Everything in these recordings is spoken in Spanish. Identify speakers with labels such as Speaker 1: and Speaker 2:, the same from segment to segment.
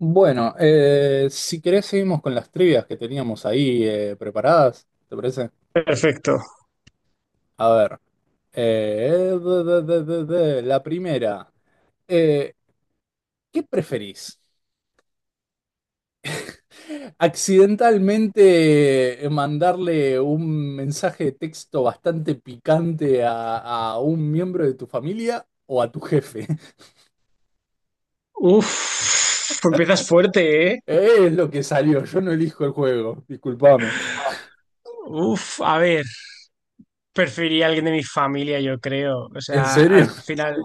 Speaker 1: Bueno, si querés, seguimos con las trivias que teníamos ahí preparadas, ¿te parece?
Speaker 2: Perfecto.
Speaker 1: A ver, la primera. eh, ¿Qué preferís? ¿Accidentalmente mandarle un mensaje de texto bastante picante a un miembro de tu familia o a tu jefe?
Speaker 2: Uf, empiezas fuerte, ¿eh?
Speaker 1: Es lo que salió, yo no elijo el juego, discúlpame.
Speaker 2: Uf, a ver, preferiría a alguien de mi familia, yo creo. O
Speaker 1: ¿En
Speaker 2: sea,
Speaker 1: serio?
Speaker 2: al final,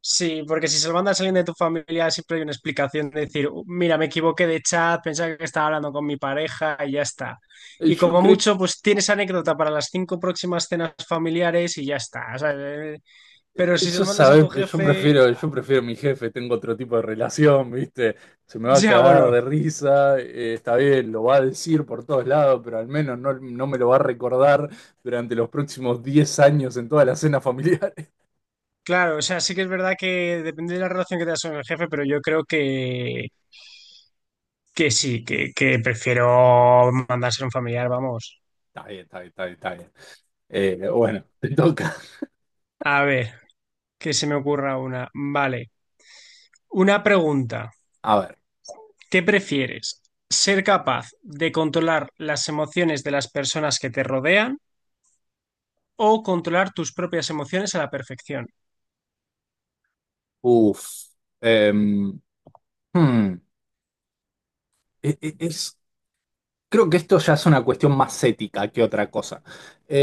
Speaker 2: sí, porque si se lo mandas a alguien de tu familia, siempre hay una explicación de decir, mira, me equivoqué de chat, pensaba que estaba hablando con mi pareja y ya está." Y
Speaker 1: Yo
Speaker 2: como
Speaker 1: creo.
Speaker 2: mucho, pues tienes anécdota para las cinco próximas cenas familiares y ya está. O sea, pero
Speaker 1: Yo,
Speaker 2: si se lo mandas a
Speaker 1: sabes,
Speaker 2: tu
Speaker 1: yo
Speaker 2: jefe,
Speaker 1: prefiero, yo prefiero mi jefe, tengo otro tipo de relación, ¿viste? Se me va a
Speaker 2: ya
Speaker 1: cagar
Speaker 2: bueno.
Speaker 1: de risa, está bien, lo va a decir por todos lados, pero al menos no me lo va a recordar durante los próximos 10 años en toda la cena familiar.
Speaker 2: Claro, o sea, sí que es verdad que depende de la relación que tengas con el jefe, pero yo creo que sí, que prefiero mandarse a un familiar, vamos.
Speaker 1: Está bien, está bien, está bien, está bien. Bueno, te toca.
Speaker 2: A ver, que se me ocurra una. Vale, una pregunta.
Speaker 1: A ver,
Speaker 2: ¿Qué prefieres? ¿Ser capaz de controlar las emociones de las personas que te rodean o controlar tus propias emociones a la perfección?
Speaker 1: uff. Em, hmm, e- e- es, Creo que esto ya es una cuestión más ética que otra cosa.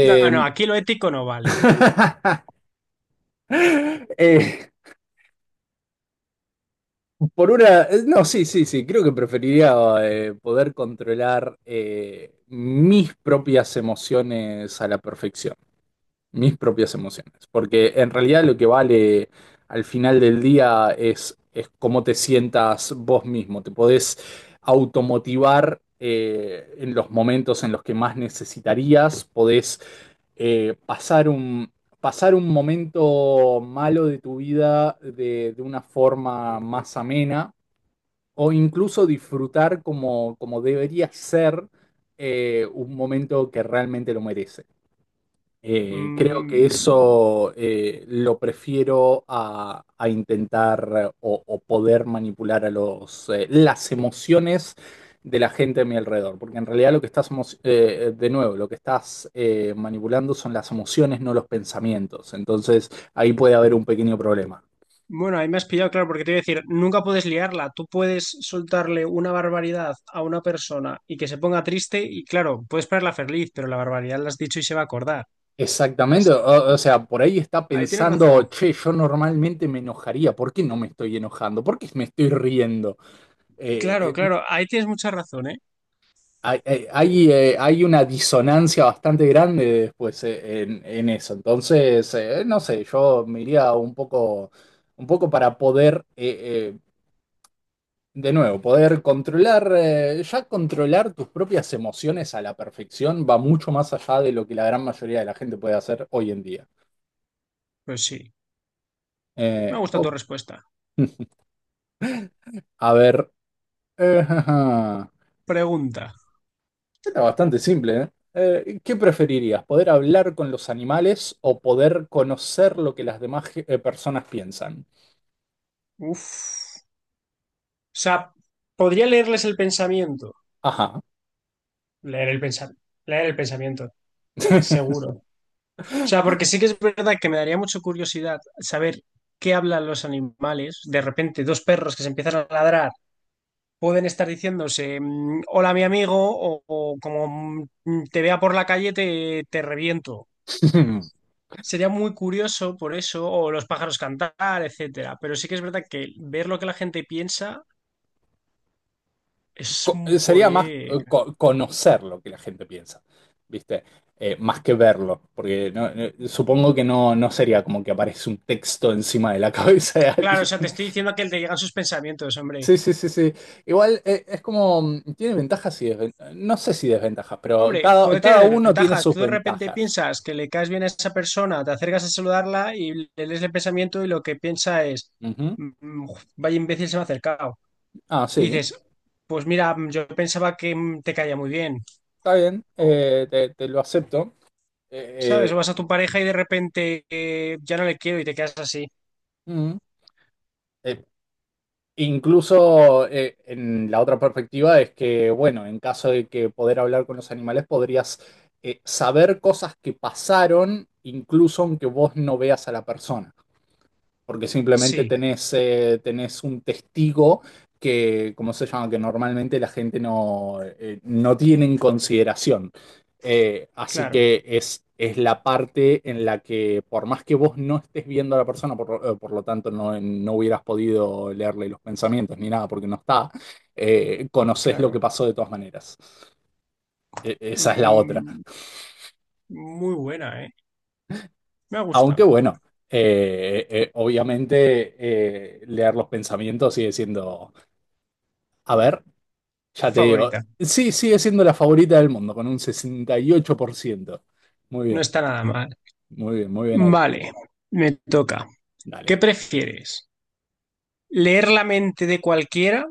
Speaker 2: No, no, aquí lo ético no vale.
Speaker 1: Eh, no, sí, sí, sí, creo que preferiría poder controlar mis propias emociones a la perfección, mis propias emociones, porque en realidad lo que vale al final del día es cómo te sientas vos mismo, te podés automotivar en los momentos en los que más necesitarías, podés eh, pasar un, pasar un momento malo de tu vida de una forma más amena o incluso disfrutar como debería ser un momento que realmente lo merece. Creo que
Speaker 2: Mm.
Speaker 1: eso lo prefiero a intentar o poder manipular a las emociones de la gente a mi alrededor, porque en realidad lo que estás, emo- de nuevo, lo que estás manipulando son las emociones, no los pensamientos. Entonces ahí puede haber un pequeño problema.
Speaker 2: Bueno, ahí me has pillado, claro, porque te iba a decir, nunca puedes liarla. Tú puedes soltarle una barbaridad a una persona y que se ponga triste y claro, puedes ponerla feliz, pero la barbaridad la has dicho y se va a acordar.
Speaker 1: Exactamente,
Speaker 2: Exacto.
Speaker 1: o sea, por ahí está
Speaker 2: Ahí tienes
Speaker 1: pensando,
Speaker 2: razón.
Speaker 1: che, yo normalmente me enojaría, ¿por qué no me estoy enojando? ¿Por qué me estoy riendo?
Speaker 2: Claro,
Speaker 1: Eh, eh,
Speaker 2: claro, ahí tienes mucha razón, ¿eh?
Speaker 1: Hay una disonancia bastante grande después, en, eso, entonces, no sé, yo me iría un poco para poder, de nuevo, poder controlar, ya controlar tus propias emociones a la perfección va mucho más allá de lo que la gran mayoría de la gente puede hacer hoy en día.
Speaker 2: Pues sí, me ha gustado tu
Speaker 1: Ok,
Speaker 2: respuesta.
Speaker 1: a ver. Jaja.
Speaker 2: Pregunta.
Speaker 1: Está bastante simple, ¿eh? ¿Qué preferirías? ¿Poder hablar con los animales o poder conocer lo que las demás personas piensan?
Speaker 2: Uf. O sea, podría leerles el pensamiento.
Speaker 1: Ajá.
Speaker 2: Leer el pensamiento. Leer el pensamiento. Seguro. O sea, porque sí que es verdad que me daría mucha curiosidad saber qué hablan los animales. De repente, dos perros que se empiezan a ladrar pueden estar diciéndose, hola mi amigo, o como te vea por la calle te reviento. Sería muy curioso por eso, o los pájaros cantar, etcétera. Pero sí que es verdad que ver lo que la gente piensa es un
Speaker 1: Sería más
Speaker 2: poder.
Speaker 1: conocer lo que la gente piensa, ¿viste? Más que verlo, porque supongo que no sería como que aparece un texto encima de la cabeza de
Speaker 2: Claro, o
Speaker 1: alguien.
Speaker 2: sea, te estoy diciendo que te llegan sus pensamientos, hombre.
Speaker 1: Sí, sí, sí, sí. Igual, es como, tiene ventajas y desventajas, no sé si desventajas, pero
Speaker 2: Hombre,
Speaker 1: cada,
Speaker 2: puede tener
Speaker 1: cada uno tiene
Speaker 2: desventajas.
Speaker 1: sus
Speaker 2: Tú de repente
Speaker 1: ventajas.
Speaker 2: piensas que le caes bien a esa persona, te acercas a saludarla y le lees el pensamiento y lo que piensa es,
Speaker 1: Ujú.
Speaker 2: "Mm, vaya imbécil se me ha acercado."
Speaker 1: Ah,
Speaker 2: Y
Speaker 1: sí,
Speaker 2: dices, pues mira, yo pensaba que te caía muy bien.
Speaker 1: está bien,
Speaker 2: O,
Speaker 1: te lo acepto.
Speaker 2: ¿sabes?
Speaker 1: Eh,
Speaker 2: O
Speaker 1: eh,
Speaker 2: vas a tu pareja y de repente ya no le quiero y te quedas así.
Speaker 1: mm, eh, Incluso, en la otra perspectiva es que, bueno, en caso de que poder hablar con los animales, podrías saber cosas que pasaron, incluso aunque vos no veas a la persona. Porque simplemente
Speaker 2: Sí,
Speaker 1: tenés un testigo que, ¿cómo se llama? Que normalmente la gente no tiene en consideración. Así
Speaker 2: claro,
Speaker 1: que es la parte en la que, por más que vos no estés viendo a la persona, por lo tanto, no hubieras podido leerle los pensamientos ni nada porque no está, conoces lo que
Speaker 2: claro.
Speaker 1: pasó de todas maneras. Esa es la otra.
Speaker 2: Mm, muy buena, ¿eh? Me ha
Speaker 1: Aunque
Speaker 2: gustado.
Speaker 1: bueno, obviamente, leer los pensamientos sigue siendo, a ver, ya te digo,
Speaker 2: Favorita.
Speaker 1: sí, sigue siendo la favorita del mundo con un 68%. Muy
Speaker 2: No
Speaker 1: bien,
Speaker 2: está nada mal.
Speaker 1: muy bien, muy bien ahí.
Speaker 2: Vale, me toca.
Speaker 1: Dale.
Speaker 2: ¿Qué prefieres? Leer la mente de cualquiera,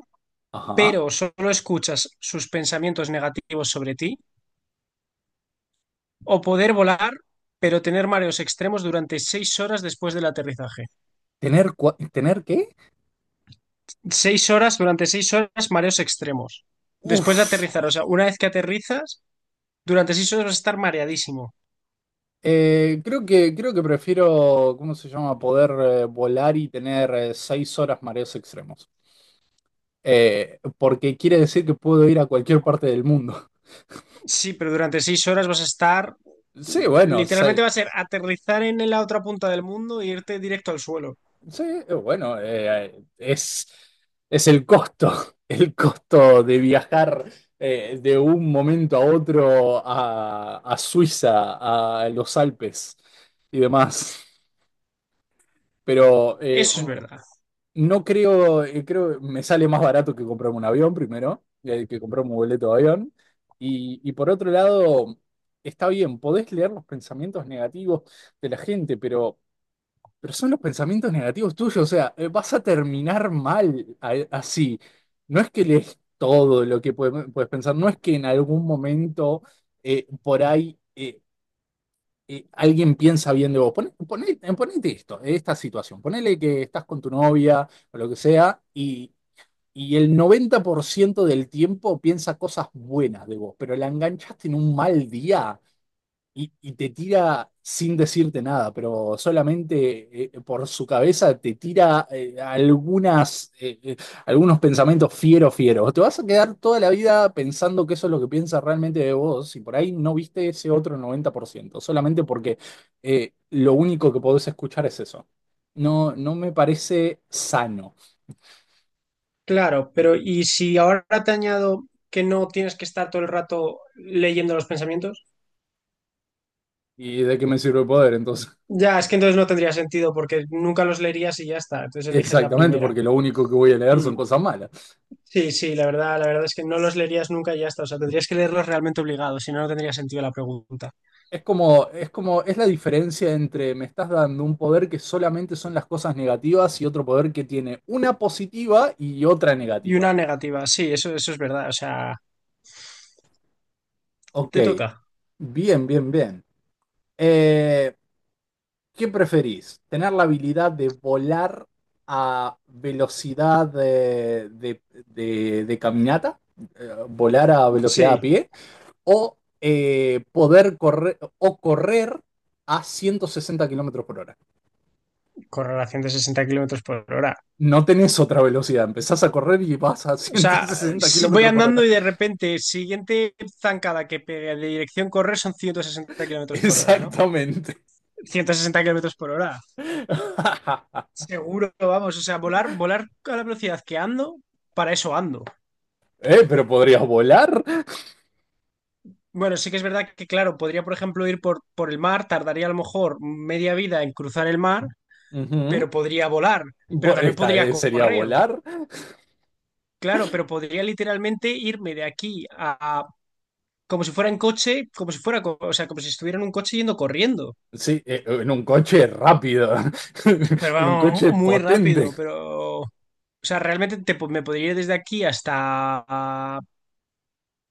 Speaker 1: Ajá.
Speaker 2: pero solo escuchas sus pensamientos negativos sobre ti, o poder volar, pero tener mareos extremos durante 6 horas después del aterrizaje.
Speaker 1: ¿Tener qué?
Speaker 2: 6 horas, durante 6 horas, mareos extremos. Después de
Speaker 1: Uf.
Speaker 2: aterrizar, o sea, una vez que aterrizas, durante 6 horas vas a estar mareadísimo.
Speaker 1: Creo que prefiero, ¿cómo se llama? Poder volar y tener 6 horas mareos extremos. Porque quiere decir que puedo ir a cualquier parte del mundo.
Speaker 2: Sí, pero durante 6 horas vas a estar...
Speaker 1: Sí, bueno.
Speaker 2: Literalmente va a ser aterrizar en la otra punta del mundo e irte directo al suelo.
Speaker 1: Sí, bueno, es el costo, el costo de viajar de un momento a otro a Suiza, a los Alpes y demás. Pero
Speaker 2: Eso es verdad.
Speaker 1: no creo, creo, me sale más barato que comprarme un avión primero, que comprarme un boleto de avión. Y por otro lado, está bien, podés leer los pensamientos negativos de la gente, pero... Pero son los pensamientos negativos tuyos, o sea, vas a terminar mal así. No es que lees todo lo que puedes pensar, no es que en algún momento por ahí alguien piensa bien de vos. Ponete esto, esta situación, ponele que estás con tu novia o lo que sea y el 90% del tiempo piensa cosas buenas de vos, pero la enganchaste en un mal día. Y te tira sin decirte nada, pero solamente, por su cabeza te tira algunos pensamientos fieros, fieros. Te vas a quedar toda la vida pensando que eso es lo que piensa realmente de vos, y por ahí no viste ese otro 90% solamente porque lo único que podés escuchar es eso. No, no me parece sano.
Speaker 2: Claro, pero ¿y si ahora te añado que no tienes que estar todo el rato leyendo los pensamientos?
Speaker 1: ¿Y de qué me sirve el poder entonces?
Speaker 2: Ya, es que entonces no tendría sentido porque nunca los leerías y ya está. Entonces eliges la
Speaker 1: Exactamente,
Speaker 2: primera.
Speaker 1: porque lo único que voy a leer
Speaker 2: Mm.
Speaker 1: son cosas malas.
Speaker 2: Sí, sí, la verdad es que no los leerías nunca y ya está. O sea, tendrías que leerlos realmente obligados, si no, no tendría sentido la pregunta.
Speaker 1: Es la diferencia entre me estás dando un poder que solamente son las cosas negativas y otro poder que tiene una positiva y otra
Speaker 2: Y
Speaker 1: negativa.
Speaker 2: una negativa, sí, eso es verdad. O sea.
Speaker 1: Ok,
Speaker 2: Te toca.
Speaker 1: bien, bien, bien. Eh, ¿Qué preferís? ¿Tener la habilidad de volar a velocidad de caminata? ¿Volar a velocidad
Speaker 2: Sí,
Speaker 1: a pie? ¿O poder correr a 160 km/h?
Speaker 2: correlación de 60 kilómetros por hora.
Speaker 1: No tenés otra velocidad, empezás a correr y vas a
Speaker 2: O
Speaker 1: ciento
Speaker 2: sea,
Speaker 1: sesenta
Speaker 2: si voy
Speaker 1: kilómetros por
Speaker 2: andando
Speaker 1: hora.
Speaker 2: y de repente, siguiente zancada que pegue de dirección correr son 160 kilómetros por hora, ¿no?
Speaker 1: Exactamente.
Speaker 2: 160 kilómetros por hora. Seguro, vamos. O sea, volar, volar a la velocidad que ando, para eso ando.
Speaker 1: Pero podrías volar.
Speaker 2: Bueno, sí que es verdad que, claro, podría, por ejemplo, ir por el mar, tardaría a lo mejor media vida en cruzar el mar,
Speaker 1: Ujú.
Speaker 2: pero podría volar, pero también
Speaker 1: Esta,
Speaker 2: podría
Speaker 1: sería
Speaker 2: correr,
Speaker 1: volar.
Speaker 2: claro, pero podría literalmente irme de aquí a, como si fuera en coche, como si fuera, o sea, como si estuviera en un coche yendo corriendo.
Speaker 1: Sí, en un coche rápido,
Speaker 2: Pero
Speaker 1: en un
Speaker 2: vamos,
Speaker 1: coche
Speaker 2: muy
Speaker 1: potente.
Speaker 2: rápido, pero... O sea, realmente me podría ir desde aquí hasta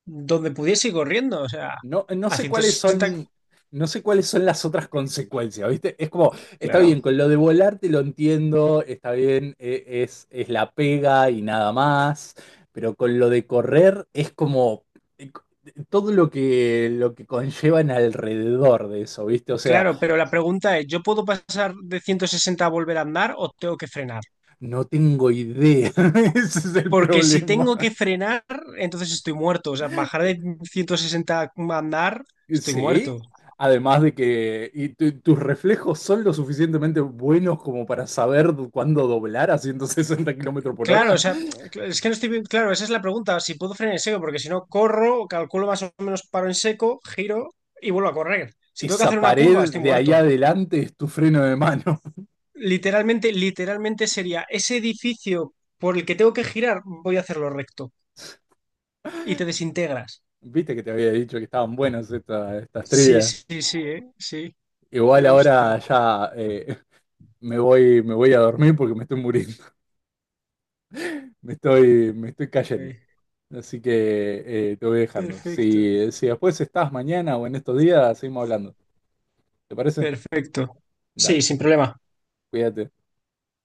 Speaker 2: donde pudiese ir corriendo, o sea,
Speaker 1: No, no
Speaker 2: a
Speaker 1: sé
Speaker 2: ciento
Speaker 1: cuáles
Speaker 2: sesenta
Speaker 1: son, no sé cuáles son las otras consecuencias, ¿viste? Es como, está bien,
Speaker 2: Claro,
Speaker 1: con lo de volar te lo entiendo, está bien, es la pega y nada más, pero con lo de correr es como, eh, todo lo que conllevan alrededor de eso, ¿viste? O sea,
Speaker 2: claro, pero la pregunta es, ¿yo puedo pasar de 160 a volver a andar o tengo que frenar?
Speaker 1: no tengo idea. Ese es el
Speaker 2: Porque si
Speaker 1: problema.
Speaker 2: tengo que frenar, entonces estoy muerto, o sea, bajar de 160 a andar, estoy muerto.
Speaker 1: Sí, además de que tus reflejos son lo suficientemente buenos como para saber cuándo doblar a 160 kilómetros por
Speaker 2: Claro, o
Speaker 1: hora.
Speaker 2: sea, es que no estoy bien, claro, esa es la pregunta, si puedo frenar en seco, porque si no corro, calculo más o menos paro en seco, giro y vuelvo a correr. Si tengo que
Speaker 1: Esa
Speaker 2: hacer una curva,
Speaker 1: pared
Speaker 2: estoy
Speaker 1: de ahí
Speaker 2: muerto.
Speaker 1: adelante es tu freno de mano.
Speaker 2: Literalmente, literalmente sería ese edificio por el que tengo que girar, voy a hacerlo recto y te desintegras.
Speaker 1: Viste que te había dicho que estaban buenas estas
Speaker 2: Sí,
Speaker 1: trivias.
Speaker 2: sí, sí, sí,
Speaker 1: Igual
Speaker 2: me ha gustado.
Speaker 1: ahora ya, me voy a dormir porque me estoy muriendo. Me estoy cayendo.
Speaker 2: Eh,
Speaker 1: Así que, te voy dejando.
Speaker 2: Perfecto,
Speaker 1: Si después estás mañana o en estos días, seguimos hablando. ¿Te parece?
Speaker 2: perfecto. Sí,
Speaker 1: Dale,
Speaker 2: sin problema.
Speaker 1: cuídate.